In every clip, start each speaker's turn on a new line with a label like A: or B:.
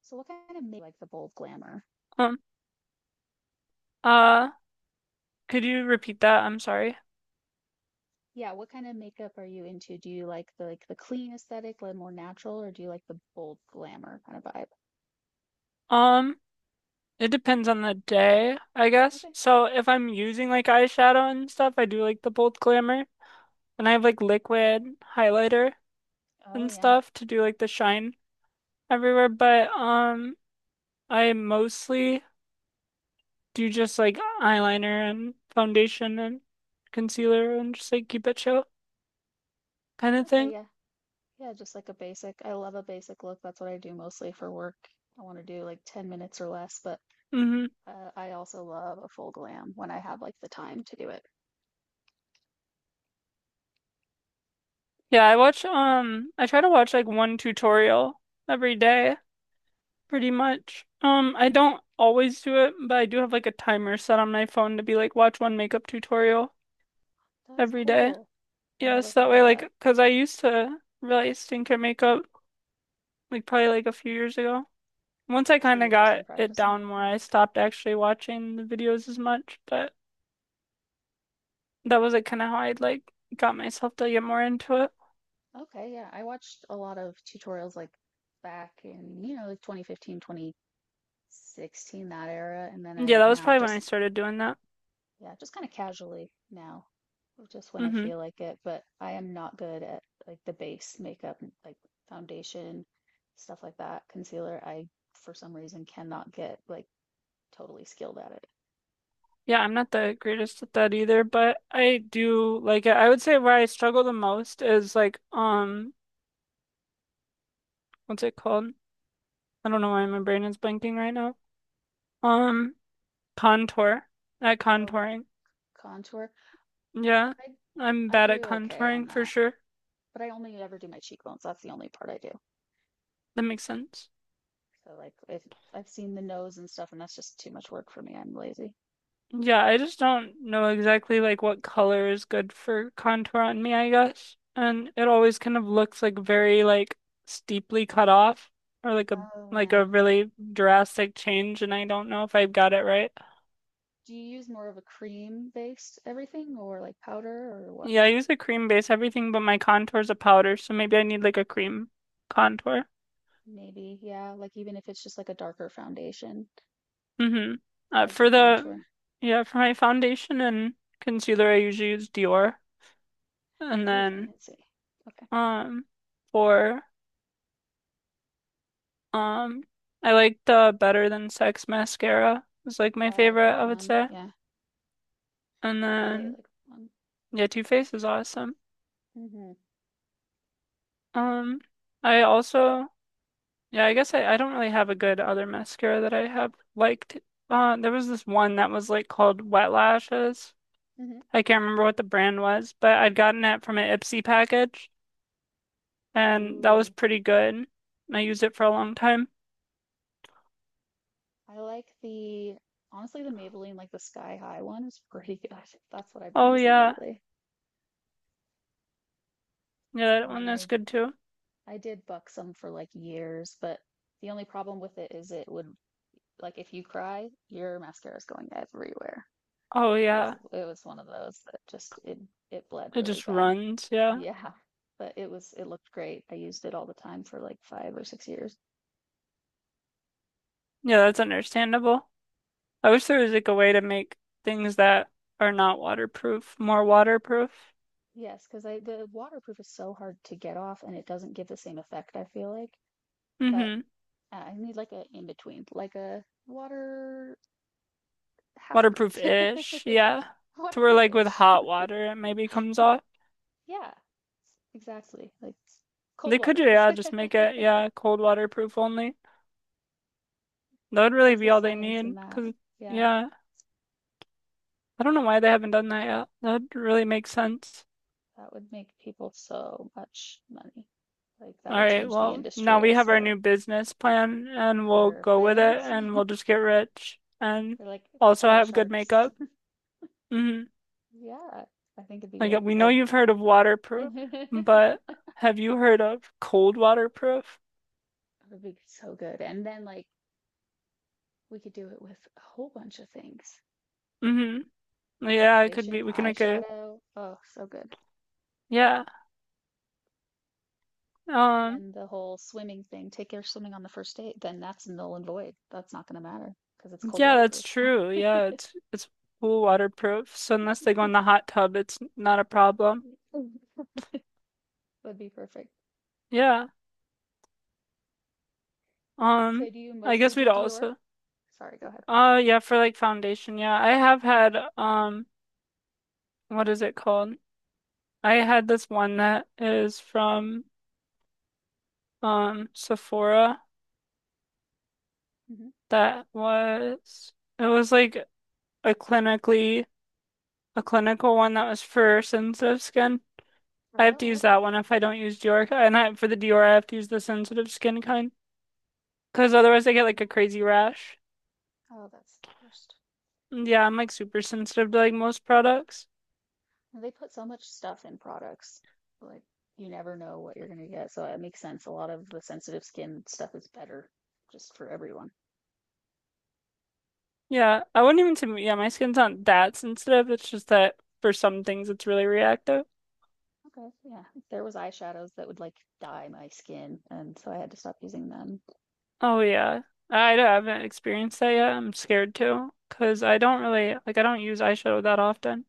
A: So what kind of make like the bold glamour?
B: Um, uh, could you repeat that? I'm sorry.
A: Yeah, what kind of makeup are you into? Do you like the clean aesthetic, like more natural, or do you like the bold glamour kind of vibe?
B: Um, it depends on the day, I guess.
A: Okay.
B: So if I'm using like eyeshadow and stuff, I do like the bold glamour. And I have like liquid highlighter
A: Oh
B: and
A: yeah.
B: stuff to do like the shine everywhere. But I mostly do just like eyeliner and foundation and concealer and just like keep it chill kind of
A: Okay,
B: thing.
A: yeah. Yeah, just like a basic. I love a basic look. That's what I do mostly for work. I want to do like 10 minutes or less, but
B: Mm-hmm.
A: I also love a full glam when I have like the time to do it.
B: Yeah, I watch I try to watch like one tutorial every day. Pretty much. I don't always do it, but I do have like a timer set on my phone to be like watch one makeup tutorial
A: That's
B: every day.
A: cool. I never
B: Yes, that
A: thought
B: way
A: of
B: like
A: that.
B: because I used to really stink at makeup like probably like a few years ago. Once I
A: So
B: kind of
A: you've just been
B: got it
A: practicing?
B: down more, I
A: Mhm.
B: stopped actually watching the videos as much, but that was like kind of how I like got myself to get more into it.
A: Okay, yeah. I watched a lot of tutorials like back in like 2015, 16, that era. And then
B: Yeah,
A: I
B: that was
A: now
B: probably when I
A: just
B: started doing that.
A: yeah, just kind of casually now, just when I
B: Hmm.
A: feel like it. But I am not good at like the base makeup, like foundation, stuff like that, concealer. I for some reason cannot get like totally skilled at it.
B: Yeah, I'm not the greatest at that either, but I do like it. I would say where I struggle the most is like what's it called? I don't know why my brain is blanking right now. Um Contour. At
A: Oh,
B: contouring.
A: contour.
B: Yeah.
A: i
B: I'm
A: i
B: bad
A: do
B: at
A: okay on
B: contouring for
A: that,
B: sure.
A: but I only ever do my cheekbones. That's the only part I do.
B: That makes sense.
A: So like if I've seen the nose and stuff, and that's just too much work for me, I'm lazy.
B: Yeah, I just don't know exactly like what color is good for contour on me, I guess. And it always kind of looks like very like steeply cut off or
A: Oh
B: like a
A: yeah.
B: really drastic change and I don't know if I've got it right.
A: Do you use more of a cream-based everything or like powder or what?
B: Yeah, I use a cream base everything but my contour is a powder, so maybe I need like a cream contour.
A: Maybe, yeah, like even if it's just like a darker foundation
B: Mm-hmm. Uh,
A: as
B: for
A: your
B: the
A: contour.
B: yeah, for my foundation and concealer I usually use Dior. And
A: Ooh,
B: then
A: fancy. Okay.
B: um for Um, I like the Better Than Sex mascara. Was like
A: Oh,
B: my
A: I like
B: favorite,
A: that
B: I would
A: one.
B: say.
A: Yeah,
B: And
A: I really
B: then
A: like that one.
B: yeah, Too Faced is awesome.
A: Mm-hmm.
B: Um, I also yeah, I guess I don't really have a good other mascara that I have liked. There was this one that was like called Wet Lashes.
A: Mm-hmm.
B: I can't remember what the brand was, but I'd gotten it from an Ipsy package, and that was
A: Ooh,
B: pretty good. And I used it for a long time.
A: I like the honestly the Maybelline like the Sky High one is pretty good. That's what I've been
B: Oh
A: using
B: yeah,
A: lately.
B: yeah, that
A: And then
B: one is
A: I
B: good too.
A: I did Buxom for like years, but the only problem with it is it would, like if you cry, your mascara is going everywhere.
B: Oh
A: It was
B: yeah,
A: it was one of those that just it bled
B: it
A: really
B: just
A: bad.
B: runs, yeah.
A: Yeah, but it looked great. I used it all the time for like 5 or 6 years.
B: Yeah, that's understandable. I wish there was like a way to make things that are not waterproof more waterproof.
A: Yes, because I, the waterproof is so hard to get off and it doesn't give the same effect, I feel like. But
B: Mm-hmm.
A: I need like a in between, like a water half proof.
B: Waterproof-ish, yeah. To where like with
A: Waterproof-ish.
B: hot water it maybe comes off.
A: Yeah, exactly. Like cold
B: They could,
A: waterproof.
B: yeah, just make it, yeah, cold waterproof only. That would really
A: Where's
B: be
A: the
B: all they
A: science in
B: need,
A: that?
B: 'cause
A: Yeah.
B: yeah, I don't know why they haven't done that yet. That'd really make sense.
A: That would make people so much money. Like that
B: All
A: would
B: right,
A: change the
B: well, now
A: industry, I
B: we have our
A: swear.
B: new business plan and we'll go with it
A: Perfect.
B: and we'll just get rich and
A: They're like,
B: also
A: hello,
B: have good
A: sharks.
B: makeup. Mhm.
A: Yeah, I think it'd be great.
B: Like we know
A: Well,
B: you've heard of waterproof,
A: it
B: but have you heard of cold waterproof?
A: would be so good. And then like we could do it with a whole bunch of things.
B: Mm-hmm. Yeah, it could be.
A: Foundation,
B: We can make a
A: eyeshadow. Oh, so good.
B: yeah.
A: And
B: Um,
A: then the whole swimming thing. Take care of swimming on the first date. Then that's null and void. That's not going to matter because it's cold
B: yeah, that's
A: waterproof.
B: true. Yeah, it's pool waterproof. So unless they go in the hot tub, it's not a problem.
A: Would be perfect.
B: Yeah.
A: So
B: Um,
A: do you
B: I
A: mostly
B: guess we'd
A: do Dior?
B: also.
A: Sorry, go ahead.
B: Yeah, for like foundation. Yeah, I have
A: Okay.
B: had what is it called? I had this one that is from Sephora
A: Hmm.
B: that was. It was like a clinically a clinical one that was for sensitive skin. I have to
A: Oh,
B: use
A: okay.
B: that one if I don't use Dior, and I, for the Dior I have to use the sensitive skin kind because otherwise I get like
A: Um,
B: a crazy rash.
A: oh, that's the worst.
B: Yeah, I'm like super sensitive to like most products.
A: They put so much stuff in products. Like you never know what you're gonna get. So it makes sense. A lot of the sensitive skin stuff is better just for everyone.
B: Yeah, I wouldn't even say yeah, my skin's not that sensitive. It's just that for some things it's really reactive.
A: Okay, yeah. There was eyeshadows that would like dye my skin, and so I had to stop using them.
B: Oh yeah, I, don't- I haven't experienced that yet. I'm scared too because I don't use eyeshadow that often.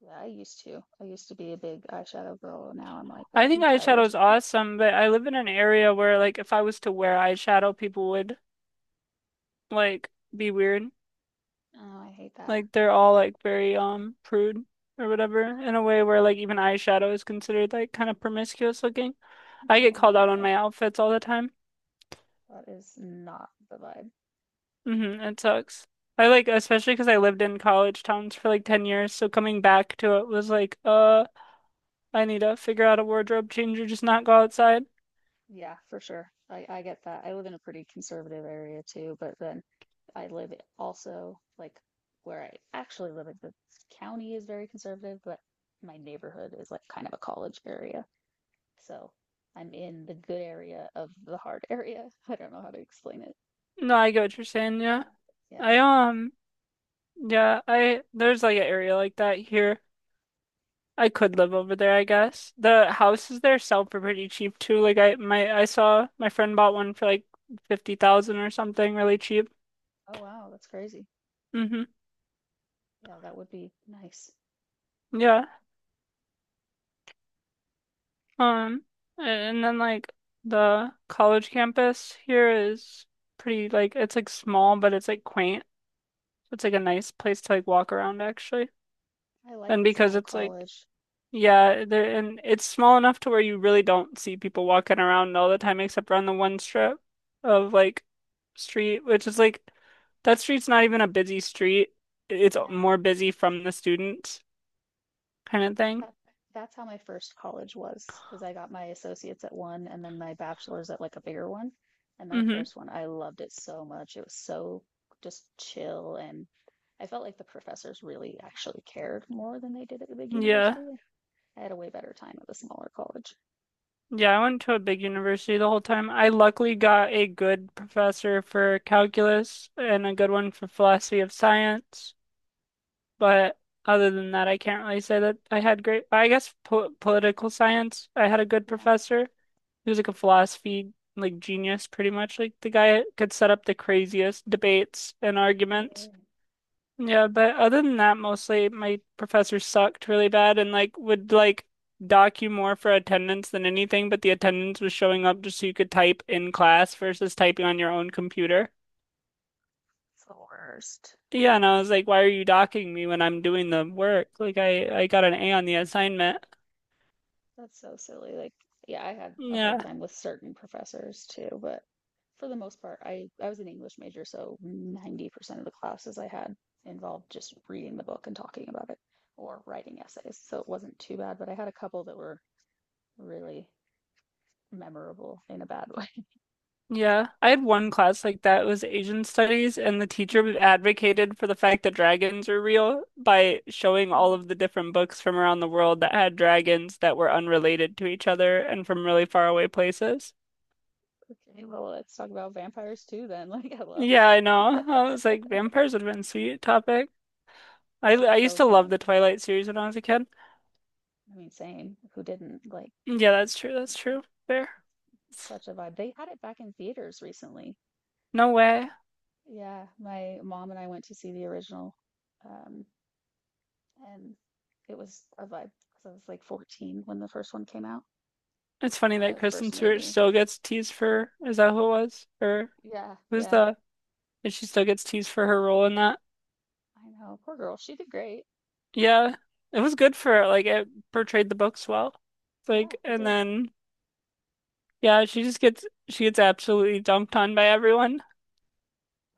A: Yeah, I used to. I used to be a big eyeshadow girl. And now I'm like,
B: I think
A: I'm
B: eyeshadow
A: tired.
B: is awesome, but I live in an area where like if I was to wear eyeshadow, people would like be weird.
A: Oh, I hate that.
B: Like they're all like very prude or whatever
A: Ugh.
B: in a way where like even eyeshadow is considered like kind of promiscuous looking. I get
A: Oh
B: called out on
A: no,
B: my outfits all the time.
A: that is not the vibe.
B: Hmm, it sucks. I like especially because I lived in college towns for like 10 years, so coming back to it was like, I need to figure out a wardrobe change or just not go outside.
A: Yeah, for sure. I get that. I live in a pretty conservative area too, but then I live also like where I actually live in the county is very conservative, but my neighborhood is like kind of a college area. So I'm in the good area of the hard area. I don't know how to explain it.
B: No, I get what you're saying, yeah.
A: Yeah.
B: I Yeah, I there's like an area like that here. I could live over there, I guess. The houses there sell for pretty cheap too. I saw my friend bought one for like 50,000 or something, really cheap.
A: Oh wow, that's crazy.
B: Hmm.
A: Yeah, that would be nice.
B: Yeah. Um and then like the college campus here is pretty like it's like small, but it's like quaint. It's like a nice place to like walk around actually.
A: I like
B: And
A: a
B: because
A: small
B: it's like
A: college.
B: Yeah, there and it's small enough to where you really don't see people walking around all the time except around the one strip of like street, which is like that street's not even a busy street. It's
A: Yeah.
B: more busy from the students kind of thing.
A: That's how my first college was, because I got my associates at one and then my bachelor's at like a bigger one. And my
B: Hmm.
A: first one, I loved it so much. It was so just chill, and I felt like the professors really actually cared more than they did at the big
B: Yeah.
A: university. I had a way better time at the smaller college.
B: Yeah, I went to a big university the whole time. I luckily got a good professor for calculus and a good one for philosophy of science. But other than that, I can't really say that I had great, I guess po political science, I had a good
A: Yeah,
B: professor. He was like a philosophy like genius pretty much. Like the guy could set up the craziest debates and arguments.
A: really.
B: Yeah, but other than that, mostly my professors sucked really bad and like would like dock you more for attendance than anything, but the attendance was showing up just so you could type in class versus typing on your own computer.
A: It's the worst.
B: Yeah, and I was like, why are you docking me when I'm doing the work? Like I got an A on the assignment.
A: That's so silly. Like, yeah, I had a hard
B: Yeah.
A: time with certain professors too, but for the most part, I was an English major, so 90% of the classes I had involved just reading the book and talking about it or writing essays. So it wasn't too bad, but I had a couple that were really memorable in a bad way.
B: Yeah. I had one class like that. It was Asian studies and the
A: Mhm.
B: teacher advocated for the fact that dragons are real by showing all
A: Um,
B: of the different books from around the world that had dragons that were unrelated to each other and from really far away places.
A: okay, well, let's talk about vampires too then. Like, hello.
B: Yeah, I know. I was like, vampires would have been a sweet topic. I
A: That is
B: I used
A: so
B: to love
A: funny.
B: the Twilight series when I was a kid.
A: I mean, same. Who didn't? Like,
B: Yeah, that's true. That's true. Fair.
A: such a vibe. They had it back in theaters recently.
B: No way.
A: Yeah, my mom and I went to see the original, um, and it was a vibe because I was like 14 when the first one came out,
B: It's funny that
A: the first
B: Kristen Stewart
A: movie.
B: still gets teased for, is that who it was?
A: Yeah,
B: Who's
A: yeah,
B: the, and she still gets teased for her role in that.
A: I know. Poor girl. She did great.
B: Yeah, it was good for her. Like it portrayed the books well.
A: Yeah,
B: like,
A: it
B: and
A: did.
B: then, yeah, she just gets, she gets absolutely dumped on by everyone.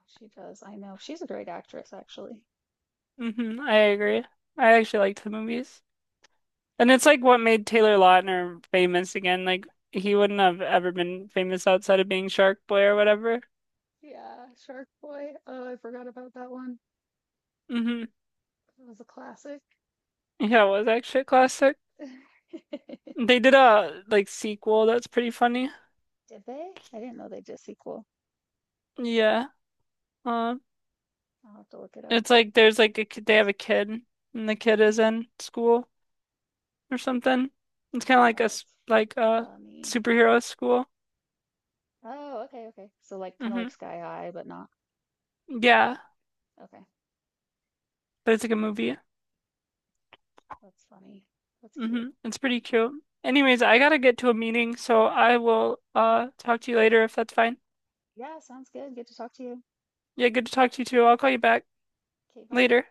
A: She does. I know. She's a great actress, actually.
B: Hmm, I agree. I actually liked the movies. And it's like what made Taylor Lautner famous again. Like he wouldn't have ever been famous outside of being Shark Boy or whatever.
A: Yeah, Shark Boy. Oh, I forgot about that one.
B: Hmm.
A: It was a classic.
B: Yeah, it was actually a classic. They did a like sequel that's pretty funny.
A: Did they? I didn't know they did a sequel.
B: Yeah. Uh,
A: I'll have to look it up.
B: it's like there's like a kid, they have a kid and the kid is
A: Mhm.
B: in school or something. It's kind of like
A: Oh, that's
B: like a
A: funny.
B: superhero school.
A: Oh, okay, okay. So like kind of like
B: Hmm.
A: Sky High, but not.
B: Yeah,
A: Okay,
B: but it's like a movie.
A: that's funny. That's cute.
B: Hmm. It's pretty cute. Anyways, I gotta get to a meeting, so I will talk to you later if that's fine.
A: Yeah, sounds good. Good to talk to you.
B: Yeah, good to talk to you too. I'll call you back
A: Okay, bye.
B: later.